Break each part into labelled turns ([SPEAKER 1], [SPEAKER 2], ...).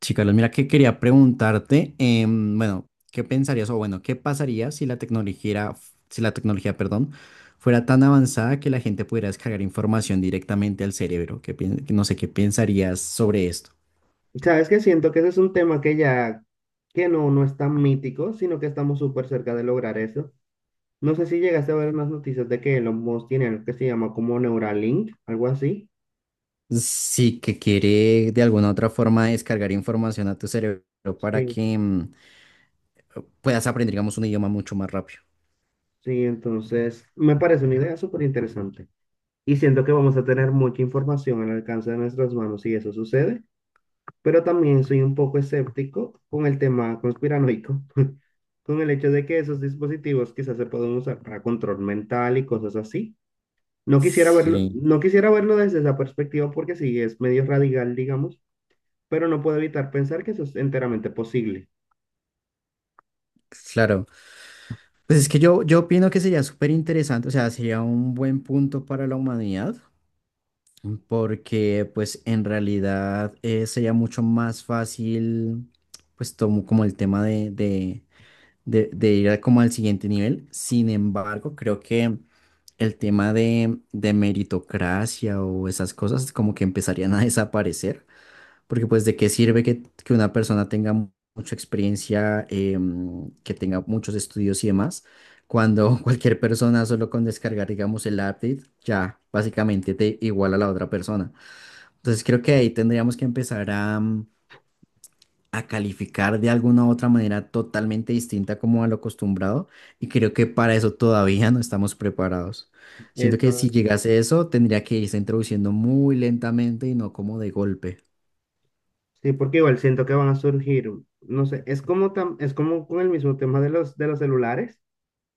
[SPEAKER 1] Sí, Carlos, mira que quería preguntarte, bueno, ¿qué pensarías o bueno, qué pasaría si la tecnología, si la tecnología, perdón, fuera tan avanzada que la gente pudiera descargar información directamente al cerebro? No sé, ¿qué pensarías sobre esto?
[SPEAKER 2] Sabes que siento que ese es un tema que ya, que no es tan mítico, sino que estamos súper cerca de lograr eso. No sé si llegaste a ver unas noticias de que Elon Musk tiene algo que se llama como Neuralink, algo así.
[SPEAKER 1] Sí, que quiere de alguna otra forma descargar información a tu cerebro para que
[SPEAKER 2] Sí,
[SPEAKER 1] puedas aprender, digamos, un idioma mucho más rápido.
[SPEAKER 2] sí, entonces me parece una idea súper interesante. Y siento que vamos a tener mucha información al alcance de nuestras manos si eso sucede, pero también soy un poco escéptico con el tema conspiranoico, con el hecho de que esos dispositivos quizás se pueden usar para control mental y cosas así. No quisiera verlo,
[SPEAKER 1] Sí,
[SPEAKER 2] no quisiera verlo desde esa perspectiva porque sí es medio radical, digamos, pero no puedo evitar pensar que eso es enteramente posible.
[SPEAKER 1] claro. Pues es que yo opino que sería súper interesante, o sea, sería un buen punto para la humanidad, porque pues en realidad sería mucho más fácil pues tomo como el tema de ir a como al siguiente nivel. Sin embargo, creo que el tema de meritocracia o esas cosas como que empezarían a desaparecer, porque pues de qué sirve que una persona tenga mucha experiencia, que tenga muchos estudios y demás. Cuando cualquier persona solo con descargar, digamos, el update, ya básicamente te iguala a la otra persona. Entonces creo que ahí tendríamos que empezar a, a calificar de alguna u otra manera totalmente distinta como a lo acostumbrado, y creo que para eso todavía no estamos preparados. Siento que
[SPEAKER 2] Eso
[SPEAKER 1] si
[SPEAKER 2] es.
[SPEAKER 1] llegase eso tendría que irse introduciendo muy lentamente y no como de golpe.
[SPEAKER 2] Sí, porque igual siento que van a surgir, no sé, es como es como con el mismo tema de los celulares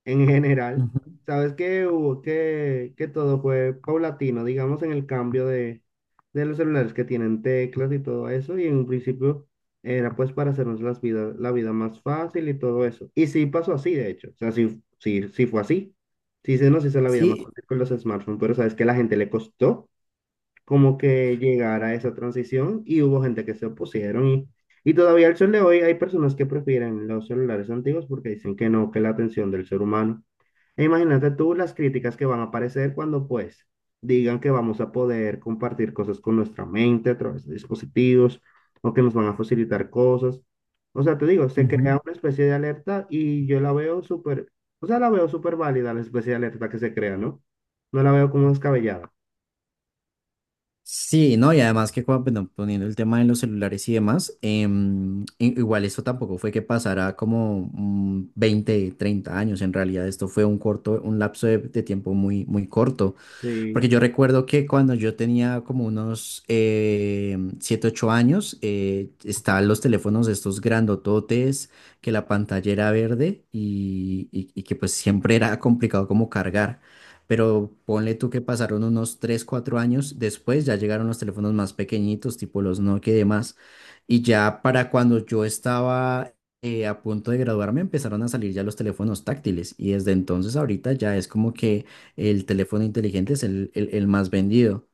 [SPEAKER 2] en general.
[SPEAKER 1] Ujú.
[SPEAKER 2] Sabes que que todo fue paulatino, digamos, en el cambio de los celulares que tienen teclas y todo eso. Y en un principio era pues para hacernos la vida más fácil y todo eso. Y sí pasó así, de hecho. O sea, sí, fue así. Sí se nos hizo la vida más
[SPEAKER 1] Sí,
[SPEAKER 2] fácil con los smartphones, pero sabes que la gente le costó como que llegar a esa transición y hubo gente que se opusieron y todavía al sol de hoy hay personas que prefieren los celulares antiguos porque dicen que no, que la atención del ser humano e imagínate tú las críticas que van a aparecer cuando pues digan que vamos a poder compartir cosas con nuestra mente a través de dispositivos o que nos van a facilitar cosas. O sea, te digo, se
[SPEAKER 1] ujú.
[SPEAKER 2] crea una especie de alerta y yo la veo o sea, la veo súper válida la especie de alerta que se crea, ¿no? No la veo como descabellada.
[SPEAKER 1] Sí, no, y además que bueno, poniendo el tema de los celulares y demás, igual esto tampoco fue que pasara como 20, 30 años, en realidad esto fue un corto, un lapso de tiempo muy, muy corto.
[SPEAKER 2] Sí,
[SPEAKER 1] Porque yo recuerdo que cuando yo tenía como unos 7, 8 años, estaban los teléfonos estos grandototes, que la pantalla era verde y que pues siempre era complicado como cargar. Pero ponle tú que pasaron unos 3 4 años después, ya llegaron los teléfonos más pequeñitos, tipo los Nokia y demás. Y ya para cuando yo estaba a punto de graduarme, empezaron a salir ya los teléfonos táctiles. Y desde entonces ahorita ya es como que el teléfono inteligente es el más vendido.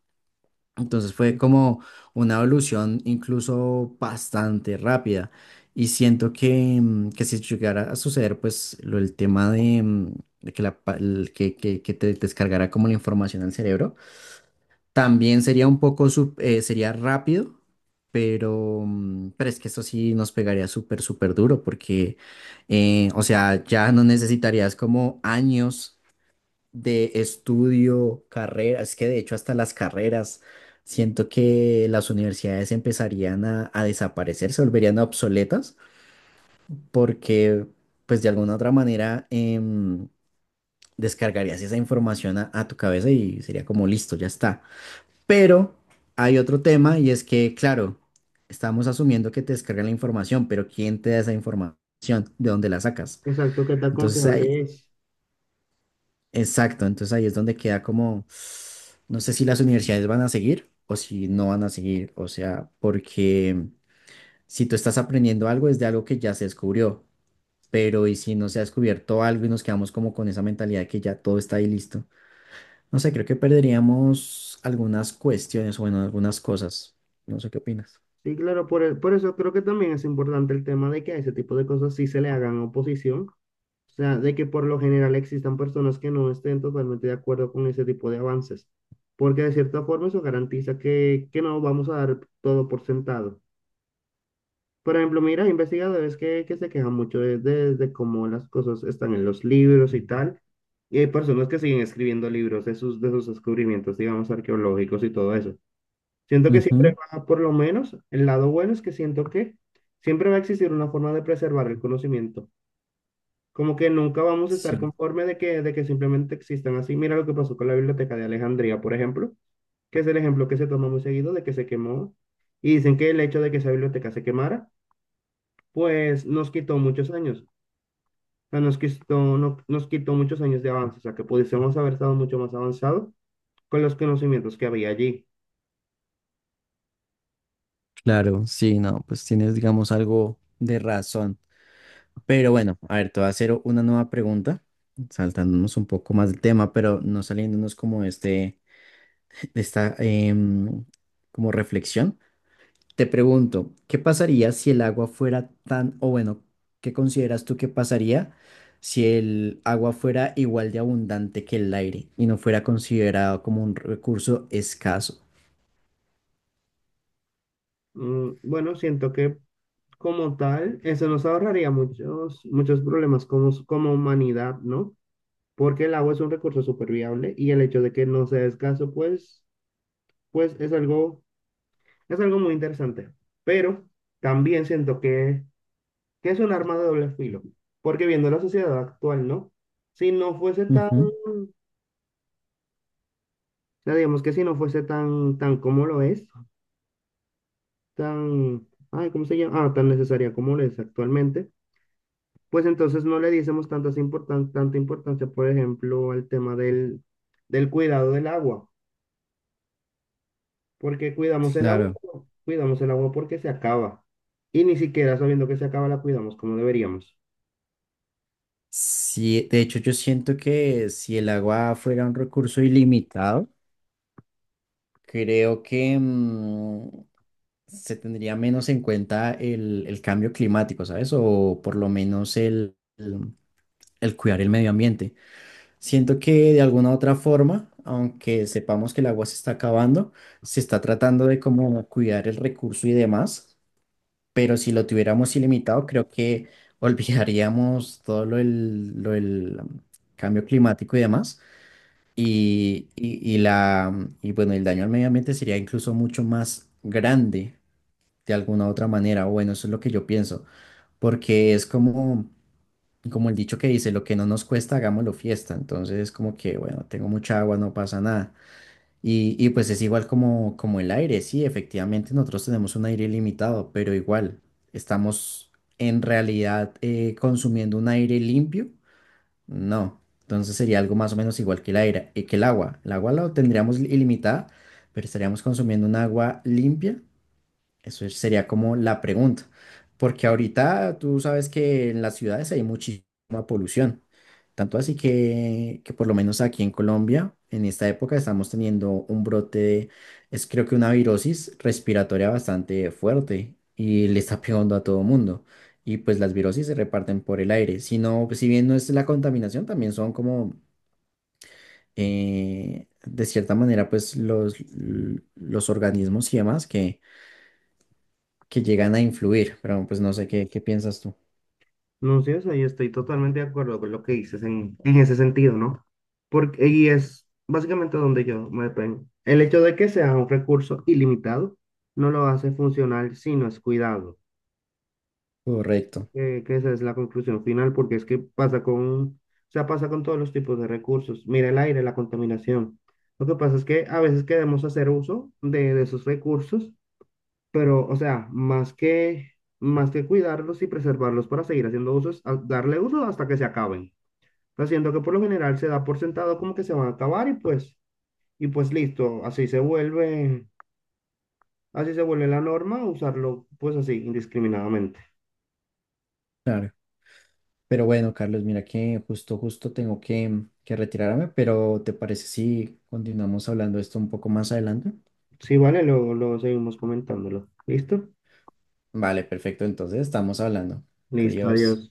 [SPEAKER 1] Entonces fue como una evolución incluso bastante rápida. Y siento que, que si llegara a suceder, pues el tema de, de que, la, pa- el que te descargara como la información al cerebro, también sería un poco, sería rápido, pero, pero es que eso sí nos pegaría súper, súper duro porque, o sea, ya no necesitarías como años de estudio, carrera, es que de hecho hasta las carreras, siento que las universidades empezarían a desaparecer, se volverían obsoletas, porque pues de alguna otra manera descargarías esa información a tu cabeza y sería como listo, ya está. Pero hay otro tema y es que, claro, estamos asumiendo que te descargan la información, pero ¿quién te da esa información? ¿De dónde la sacas?
[SPEAKER 2] exacto, que tan
[SPEAKER 1] Entonces ahí-
[SPEAKER 2] confiable es.
[SPEAKER 1] Exacto, entonces ahí es donde queda como, no sé si las universidades van a seguir o si no van a seguir, o sea, porque si tú estás aprendiendo algo es de algo que ya se descubrió, pero y si no se ha descubierto algo y nos quedamos como con esa mentalidad de que ya todo está ahí listo, no sé, creo que perderíamos algunas cuestiones, o bueno, algunas cosas, no sé qué opinas.
[SPEAKER 2] Sí, claro, por eso creo que también es importante el tema de que a ese tipo de cosas sí se le hagan oposición. O sea, de que por lo general existan personas que no estén totalmente de acuerdo con ese tipo de avances, porque de cierta forma eso garantiza que no vamos a dar todo por sentado. Por ejemplo, mira, hay investigadores que se quejan mucho de cómo las cosas están en los libros y tal, y hay personas que siguen escribiendo libros de de sus descubrimientos, digamos, arqueológicos y todo eso. Siento que siempre
[SPEAKER 1] Ujú.
[SPEAKER 2] va, por lo menos, el lado bueno es que siento que siempre va a existir una forma de preservar el conocimiento. Como que nunca vamos a estar
[SPEAKER 1] Sí,
[SPEAKER 2] conforme de que simplemente existan así. Mira lo que pasó con la Biblioteca de Alejandría, por ejemplo, que es el ejemplo que se toma muy seguido de que se quemó. Y dicen que el hecho de que esa biblioteca se quemara, pues nos quitó muchos años. O sea, nos quitó, no- nos quitó muchos años de avance. O sea, que pudiésemos haber estado mucho más avanzados con los conocimientos que había allí.
[SPEAKER 1] claro, sí, no, pues tienes, digamos, algo de razón. Pero bueno, a ver, te voy a hacer una nueva pregunta, saltándonos un poco más del tema, pero no saliéndonos como de este, de esta como reflexión. Te pregunto, ¿qué pasaría si el agua fuera tan, o bueno, qué consideras tú que pasaría si el agua fuera igual de abundante que el aire y no fuera considerado como un recurso escaso?
[SPEAKER 2] Mm, bueno, siento que como tal, eso nos ahorraría muchos problemas como, como humanidad, ¿no? Porque el agua es un recurso súper viable y el hecho de que no sea escaso, pues, pues es algo muy interesante. Pero también siento que es un arma de doble filo, porque viendo la sociedad actual, ¿no? Si no fuese tan,
[SPEAKER 1] Ujú,
[SPEAKER 2] o sea, digamos que si no fuese tan como lo es, tan, ay, ¿cómo se llama? Ah, tan necesaria como lo es actualmente, pues entonces no le diésemos tanta importancia, por ejemplo, al tema del cuidado del agua. Porque cuidamos el agua,
[SPEAKER 1] claro.
[SPEAKER 2] pero cuidamos el agua porque se acaba. Y ni siquiera sabiendo que se acaba la cuidamos como deberíamos.
[SPEAKER 1] Sí, de hecho yo siento que si el agua fuera un recurso ilimitado, creo que se tendría menos en cuenta el cambio climático, ¿sabes? O por lo menos el cuidar el medio ambiente. Siento que de alguna u otra forma, aunque sepamos que el agua se está acabando, se está tratando de como cuidar el recurso y demás, pero si lo tuviéramos ilimitado, creo que olvidaríamos todo lo del cambio climático y demás y y bueno, el daño al medio ambiente sería incluso mucho más grande de alguna otra manera. O bueno, eso es lo que yo pienso, porque es como, como el dicho que dice, lo que no nos cuesta, hagámoslo fiesta. Entonces, como que, bueno, tengo mucha agua, no pasa nada. Y pues es igual como, como el aire, sí, efectivamente nosotros tenemos un aire ilimitado, pero igual estamos en realidad consumiendo un aire limpio, no, entonces sería algo más o menos igual que el aire, que el agua. El agua la tendríamos ilimitada, pero estaríamos consumiendo un agua limpia, sería como la pregunta, porque ahorita tú sabes que en las ciudades hay muchísima polución, tanto así que por lo menos aquí en Colombia, en esta época estamos teniendo un brote es creo que una virosis respiratoria bastante fuerte y le está pegando a todo mundo. Y pues las virosis se reparten por el aire, si no, si bien no es la contaminación, también son como, de cierta manera, pues los organismos y demás que llegan a influir, pero pues no sé qué, qué piensas tú.
[SPEAKER 2] No sé, o sea, yo estoy totalmente de acuerdo con lo que dices en ese sentido, ¿no? Porque, y es básicamente donde yo me detengo. El hecho de que sea un recurso ilimitado no lo hace funcional si no es cuidado.
[SPEAKER 1] Correcto,
[SPEAKER 2] Que esa es la conclusión final, porque es que pasa con, o sea, pasa con todos los tipos de recursos. Mira el aire, la contaminación. Lo que pasa es que a veces queremos hacer uso de esos recursos. Pero, o sea, más que cuidarlos y preservarlos para seguir haciendo uso, darle uso hasta que se acaben. Pero siento que por lo general se da por sentado como que se van a acabar y pues listo, así se vuelve la norma, usarlo pues así, indiscriminadamente.
[SPEAKER 1] claro. Pero bueno, Carlos, mira que justo, justo tengo que retirarme, pero ¿te parece si continuamos hablando de esto un poco más adelante?
[SPEAKER 2] Sí, vale, luego seguimos comentándolo. ¿Listo?
[SPEAKER 1] Vale, perfecto, entonces estamos hablando.
[SPEAKER 2] Listo,
[SPEAKER 1] Adiós.
[SPEAKER 2] adiós.